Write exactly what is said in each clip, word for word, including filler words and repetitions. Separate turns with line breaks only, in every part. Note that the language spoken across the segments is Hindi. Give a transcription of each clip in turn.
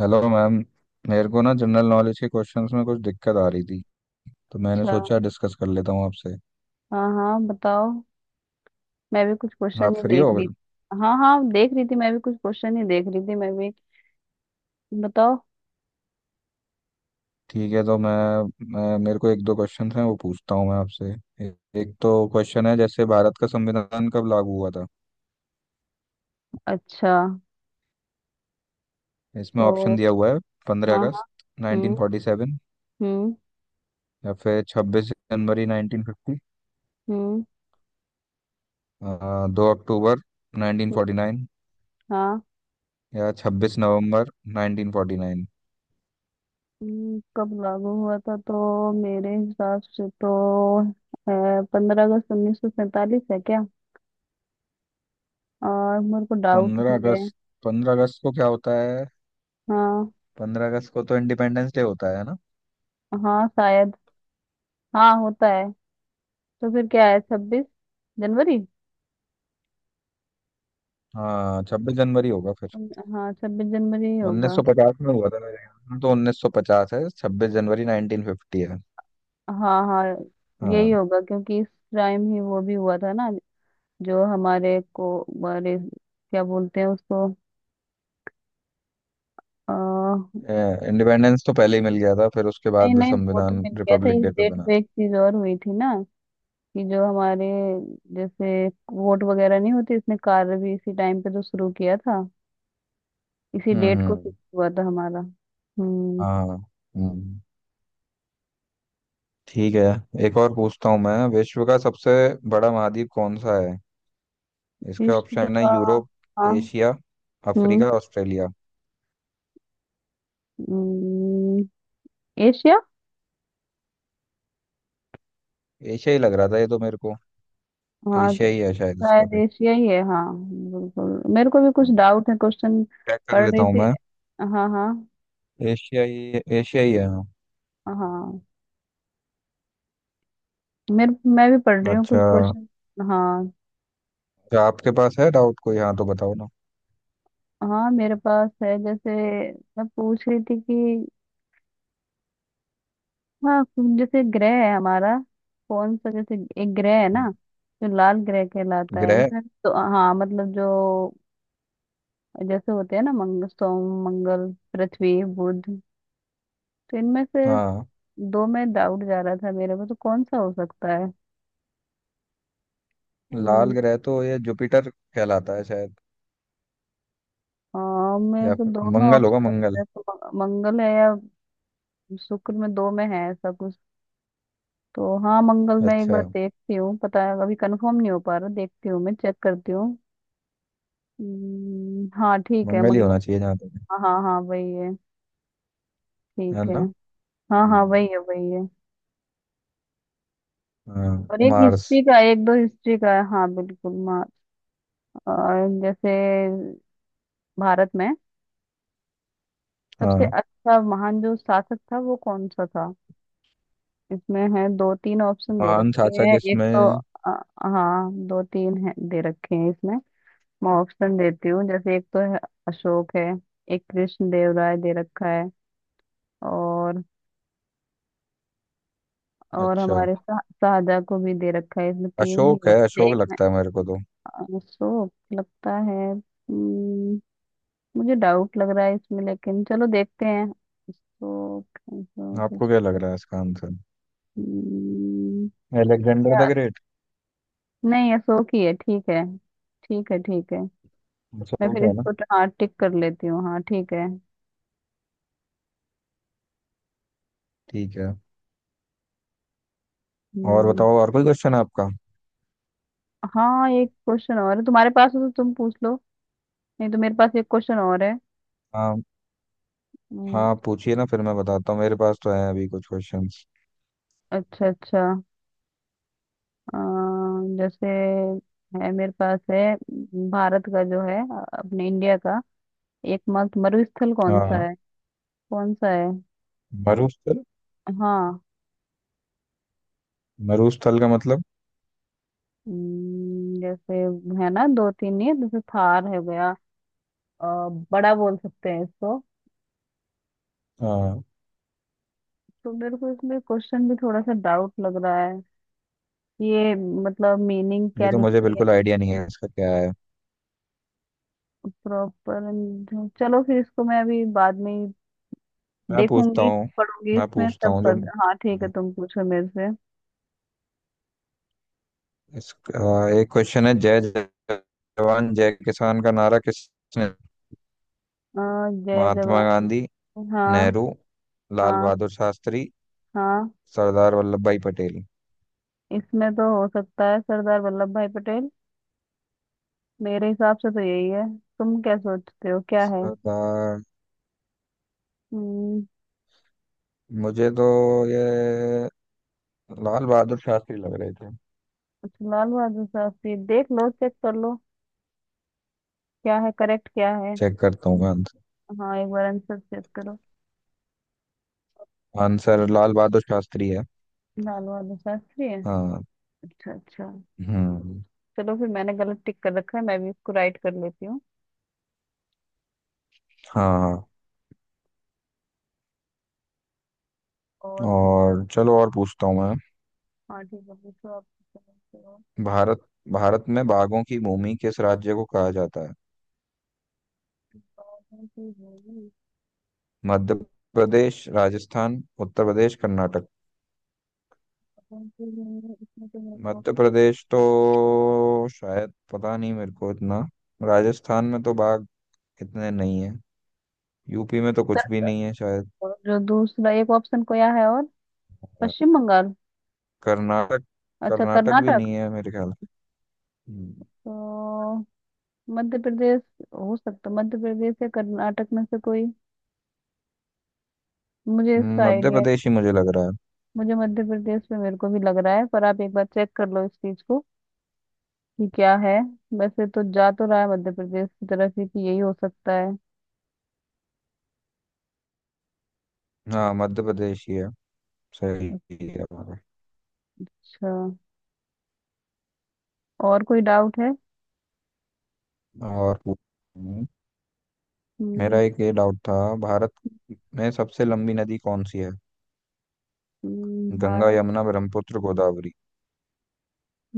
Hello ma'am. मेरे को ना जनरल नॉलेज के क्वेश्चंस में कुछ दिक्कत आ रही थी, तो मैंने
अच्छा।
सोचा डिस्कस कर लेता हूँ आपसे।
हाँ, हाँ, बताओ। मैं भी कुछ क्वेश्चन
आप
ही
फ्री
देख
हो?
रही थी। हाँ, हाँ, देख रही थी, मैं भी कुछ क्वेश्चन ही देख रही थी मैं भी। बताओ।
ठीक है। तो मैं, मैं मेरे को एक दो क्वेश्चंस हैं वो पूछता हूँ मैं आपसे। ए, एक तो क्वेश्चन है, जैसे भारत का संविधान कब लागू हुआ था?
अच्छा।
इसमें
तो
ऑप्शन दिया हुआ है, पंद्रह
हाँ, हाँ।
अगस्त
हम्म।
नाइनटीन फोर्टी सेवन
हम्म।
या फिर छब्बीस जनवरी नाइनटीन फिफ्टी,
हम्म।
दो अक्टूबर नाइनटीन
हम्म,
फोर्टी नाइन
हाँ
या छब्बीस नवंबर नाइनटीन फोर्टी नाइन।
हम्म, कब लागू हुआ था तो मेरे हिसाब से तो पंद्रह अगस्त उन्नीस सौ सैतालीस है क्या। और मेरे को डाउट
पंद्रह
भी है।
अगस्त पंद्रह अगस्त को क्या होता है?
हाँ।
पंद्रह अगस्त को तो इंडिपेंडेंस डे होता है ना।
हाँ शायद। हाँ होता है। तो फिर क्या है? छब्बीस जनवरी।
हाँ, छब्बीस जनवरी होगा फिर।
उन- हाँ छब्बीस जनवरी ही होगा।
उन्नीस सौ पचास में हुआ था। मेरे यहाँ तो उन्नीस सौ पचास है, छब्बीस जनवरी नाइनटीन फिफ्टी है।
हाँ, हाँ, यही
हाँ।
होगा क्योंकि इस टाइम ही वो भी हुआ था ना। जो हमारे को, हमारे क्या बोलते हैं उसको? आ, नहीं।
इंडिपेंडेंस तो पहले ही मिल गया था, फिर उसके बाद
नहीं, वो तो
संविधान
मिल गया था
रिपब्लिक
इस
डे पे
डेट
बना
पे
था।
एक चीज और हुई थी ना। कि जो हमारे जैसे वोट वगैरह नहीं होती, इसने कार्य भी इसी टाइम पे तो शुरू किया था। इसी
हम्म,
डेट को
हम्म,
फिक्स हुआ था हमारा। हम्म।
हाँ। हम्म। ठीक है। एक और पूछता हूँ मैं। विश्व का सबसे बड़ा महाद्वीप कौन सा है? इसके
विश्व
ऑप्शन है
का।
यूरोप,
हाँ।
एशिया,
हम्म।
Africa, Australia.
हम्म, एशिया।
एशिया ही लग रहा था ये तो मेरे को।
हाँ तो
एशिया ही है शायद इसका
शायद
फिर।
एशिया ही है हाँ। बिल्कुल मेरे को भी कुछ डाउट है क्वेश्चन
चेक कर
पढ़
लेता
रही
हूँ
थी।
मैं।
हाँ, हाँ।
एशियाई एशियाई है हाँ।
हाँ, मेरे, मैं भी पढ़ रही हूँ कुछ
अच्छा।
क्वेश्चन। हाँ।
क्या आपके पास है डाउट कोई? हाँ तो बताओ ना।
हाँ मेरे पास है जैसे मैं पूछ रही थी कि हाँ जैसे ग्रह है हमारा कौन सा, जैसे एक ग्रह है ना जो लाल ग्रह कहलाता है।
ग्रह।
इसमें तो हाँ मतलब जो जैसे होते हैं ना, मंगल सोम मंगल पृथ्वी बुध तो इनमें से
हाँ।
दो में डाउट जा रहा था मेरे को तो कौन सा हो सकता है।
लाल
हम्म,
ग्रह तो ये जुपिटर कहलाता है शायद।
हाँ मेरे
या
को
फिर
दोनों
मंगल होगा।
ऑप्शन
मंगल।
लगते हैं तो म- मंगल है या शुक्र में दो में है ऐसा कुछ। तो हाँ मंगल मैं एक
अच्छा।
बार देखती हूँ, पता है अभी कंफर्म नहीं हो पा रहा, देखती हूँ मैं चेक करती हूँ। हम्म, हाँ ठीक है
मंगल ही होना
मंगल।
चाहिए जहाँ तक।
हाँ, हाँ, हाँ, वही है।
है है
ठीक है।
ना?
हाँ, हाँ, वही
हम्म।
है वही है।
हाँ।
और एक
मार्स।
हिस्ट्री का एक दो हिस्ट्री का है, हाँ बिल्कुल मा- और जैसे भारत में सबसे
हाँ।
अच्छा महान जो शासक था वो कौन सा था। इसमें है दो तीन ऑप्शन दे
महान
रखे
साचा
हैं एक तो
किसमें?
अ, हाँ दो तीन है दे रखे हैं इसमें। मैं ऑप्शन देती हूँ जैसे एक तो है अशोक है, एक कृष्ण देव राय दे रखा है, और और
अच्छा।
हमारे शाह- शाहजहाँ को भी दे रखा है इसमें, तीन ही
अशोक है।
ऑप्शन
अशोक
एक में।
लगता है मेरे को तो।
अशोक लगता है। हम्म, मुझे डाउट लग रहा है इसमें, लेकिन चलो देखते हैं। अशोक अशोक
आपको क्या लग
अशोक।
रहा है इसका आंसर?
हम्म,
अलेक्जेंडर
क्या?
The great?
नहीं अशोक ही है ठीक है। ठीक है ठीक है। मैं
अशोक
फिर
है ना?
इसको ट- हाँ टिक कर लेती हूँ। हाँ ठीक है।
ठीक है। और
हम्म,
बताओ, और कोई क्वेश्चन है आपका?
हाँ एक क्वेश्चन और है तुम्हारे पास हो तो तुम पूछ लो, नहीं तो मेरे पास एक क्वेश्चन और है।
हाँ।
हम्म।
हाँ पूछिए ना, फिर मैं बताता हूँ। मेरे पास तो है अभी कुछ क्वेश्चंस।
अच्छा, अच्छा। अम, जैसे है मेरे पास है अम, भारत का जो है अ, अपने इंडिया का एकमात्र मरुस्थल कौन
हाँ।
सा है? कौन सा है?
मरुस्थल।
हाँ।
मरुस्थल का मतलब?
हम्म, जैसे है ना दो तीन ही है, जैसे थार हो गया अ, बड़ा बोल सकते हैं इसको।
हाँ,
तो मेरे को इसमें क्वेश्चन भी थोड़ा सा डाउट लग रहा है। ये मतलब मीनिंग
ये
क्या
तो मुझे
लिखी है।
बिल्कुल आइडिया नहीं है, इसका क्या है।
प्रॉपर चलो फिर इसको मैं अभी बाद में ही
मैं पूछता
देखूंगी,
हूँ
पढ़ूंगी
मैं
इसमें
पूछता
तब
हूँ जो।
कर। हाँ ठीक है तुम पूछो मेरे से। अ,
इसका एक क्वेश्चन है, जय जवान जय किसान का नारा किसने?
जय
महात्मा
जवान।
गांधी,
हाँ।
नेहरू, लाल
हाँ।
बहादुर शास्त्री,
हाँ
सरदार वल्लभ भाई पटेल?
इसमें तो हो सकता है सरदार वल्लभ भाई पटेल। मेरे हिसाब से तो यही है। तुम क्या सोचते हो क्या है?
सरदार।
हम्म।
मुझे तो ये लाल बहादुर शास्त्री लग रहे थे।
अच्छा, लाल बहादुर शास्त्री, देख लो चेक कर लो क्या है, करेक्ट क्या है।
चेक करता हूँ मैं।
हाँ एक बार आंसर चेक करो।
आंसर लाल बहादुर शास्त्री है।
लाल बहादुर शास्त्री है।
हाँ।
अच्छा, अच्छा।
हम्म।
चलो फिर मैंने गलत टिक कर रखा है, मैं भी इसको राइट कर लेती हूँ।
हाँ।
और फिर
और चलो और पूछता हूँ मैं।
हाँ ठीक है पूछो आप।
भारत भारत में बाघों की भूमि किस राज्य को कहा जाता है? मध्य प्रदेश, राजस्थान, उत्तर प्रदेश, कर्नाटक? मध्य प्रदेश तो शायद पता नहीं मेरे को इतना। राजस्थान में तो बाघ इतने नहीं है। यूपी में तो कुछ भी नहीं है शायद।
और जो दूसरा एक ऑप्शन को है और
और
पश्चिम बंगाल।
कर्नाटक?
अच्छा
कर्नाटक भी
कर्नाटक।
नहीं है मेरे ख्याल। हम्म।
तो मध्य प्रदेश, हो सकता मध्य प्रदेश या कर्नाटक में से कोई। मुझे इसका
मध्य
आइडिया है।
प्रदेश ही मुझे लग रहा है।
मुझे मध्य प्रदेश में, मेरे को भी लग रहा है, पर आप एक बार चेक कर लो इस चीज को कि क्या है। वैसे तो जा तो रहा है मध्य प्रदेश की तरफ ही कि यही हो सकता है।
हाँ मध्य प्रदेश ही है। सही है भाई।
अच्छा और कोई डाउट है?
और पूछ- मेरा
हम्म।
एक ये डाउट था। भारत में सबसे लंबी नदी कौन सी है?
हम्म,
गंगा,
भारत।
यमुना, ब्रह्मपुत्र, गोदावरी?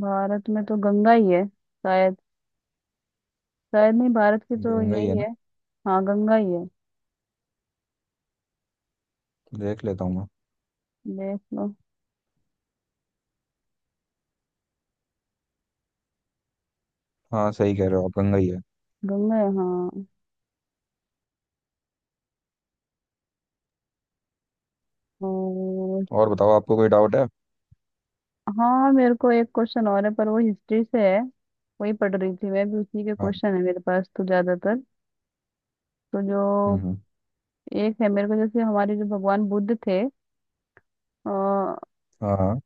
भारत में तो गंगा ही है शायद, शायद नहीं भारत की तो
गंगा ही है
यही
ना?
है। हाँ गंगा ही है।
देख लेता हूँ मैं।
देख लो।
हाँ सही कह रहे हो आप, गंगा ही है।
गंगा है हाँ। और
और बताओ, आपको कोई डाउट है?
हाँ मेरे को एक क्वेश्चन और है पर वो हिस्ट्री से है। वही पढ़ रही थी मैं भी, उसी के
हाँ।
क्वेश्चन है मेरे पास तो ज्यादातर। तो
हम्म,
जो
हम्म,
एक है मेरे को जैसे हमारे जो भगवान बुद्ध थे अ,
हाँ।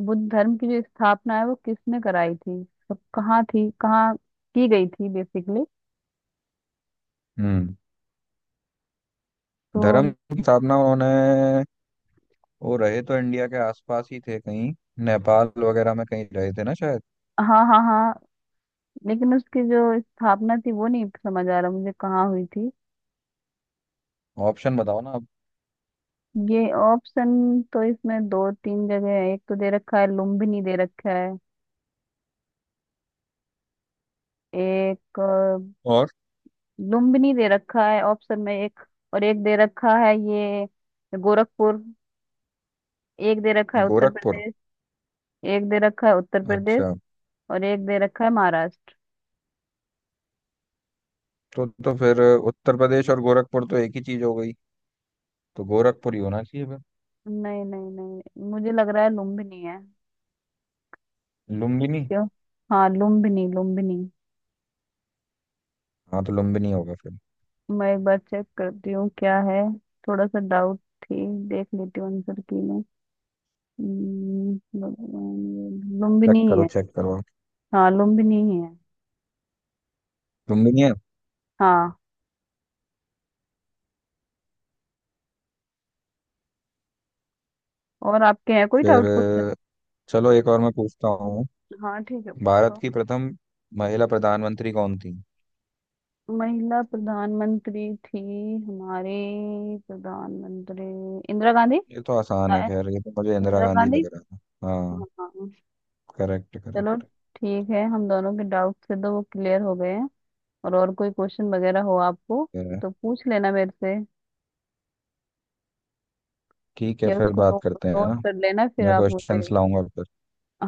बुद्ध धर्म की जो स्थापना है वो किसने कराई थी, तो कहाँ थी कहाँ की गई थी बेसिकली।
हम्म।
तो
धर्म की स्थापना उन्होंने... वो रहे तो इंडिया के आसपास ही थे कहीं। नेपाल वगैरह में कहीं रहे थे ना शायद।
हाँ, हाँ, हाँ, लेकिन उसकी जो स्थापना थी वो नहीं समझ आ रहा मुझे कहाँ हुई थी।
ऑप्शन बताओ ना आप।
ये ऑप्शन तो इसमें दो तीन जगह है, एक तो दे रखा है लुम्बिनी दे रखा है, एक अ,
और
लुम्बिनी दे रखा है ऑप्शन में एक और, एक दे रखा है ये गोरखपुर, एक दे रखा है उत्तर
गोरखपुर?
प्रदेश, एक दे रखा है उत्तर प्रदेश
अच्छा।
और एक दे रखा है महाराष्ट्र।
तो तो फिर उत्तर प्रदेश और गोरखपुर तो एक ही चीज हो गई। तो गोरखपुर ही होना चाहिए फिर।
नहीं, नहीं, नहीं, मुझे लग रहा है लुम्बिनी है।
लुम्बिनी?
क्यों? हाँ लुम्बिनी लुम्बिनी।
हाँ तो लुम्बिनी होगा फिर।
मैं एक बार चेक करती हूँ क्या है, थोड़ा सा डाउट थी, देख लेती हूँ आंसर की मैं। हम्म, भगवान- लुम्बिनी
चेक
ही
करो
है।
चेक करो आप।
हाँ लुम्बिनी ही है।
लुम्बिनी है।
हाँ और आपके हैं कोई
फिर
डाउट क्वेश्चन?
अ, चलो एक और मैं पूछता हूँ।
हाँ ठीक है
भारत
पूछो।
की प्रथम महिला प्रधानमंत्री कौन थी?
महिला प्रधानमंत्री थी हमारे प्रधानमंत्री इंदिरा गांधी।
ये तो आसान
हाँ,
है, खैर ये तो मुझे इंदिरा
इंदिरा
गांधी
गांधी।
लग रहा था। हाँ।
हाँ, हाँ।
करेक्ट,
चलो
करेक्ट।
ठीक है, हम दोनों के डाउट से तो वो क्लियर हो गए हैं। और और कोई क्वेश्चन वगैरह हो आपको तो पूछ लेना मेरे से,
ठीक है,
या
फिर
उसको
बात
नोट
करते हैं है
नोट
ना?
कर लेना फिर
मैं
आप मुझे।
क्वेश्चंस लाऊंगा फिर।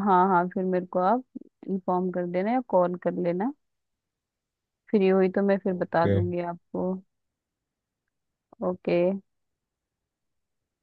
हाँ, हाँ, फिर मेरे को आप इन्फॉर्म कर देना या कॉल कर लेना, फ्री हुई तो मैं फिर बता
ओके।
दूंगी आपको। ओके।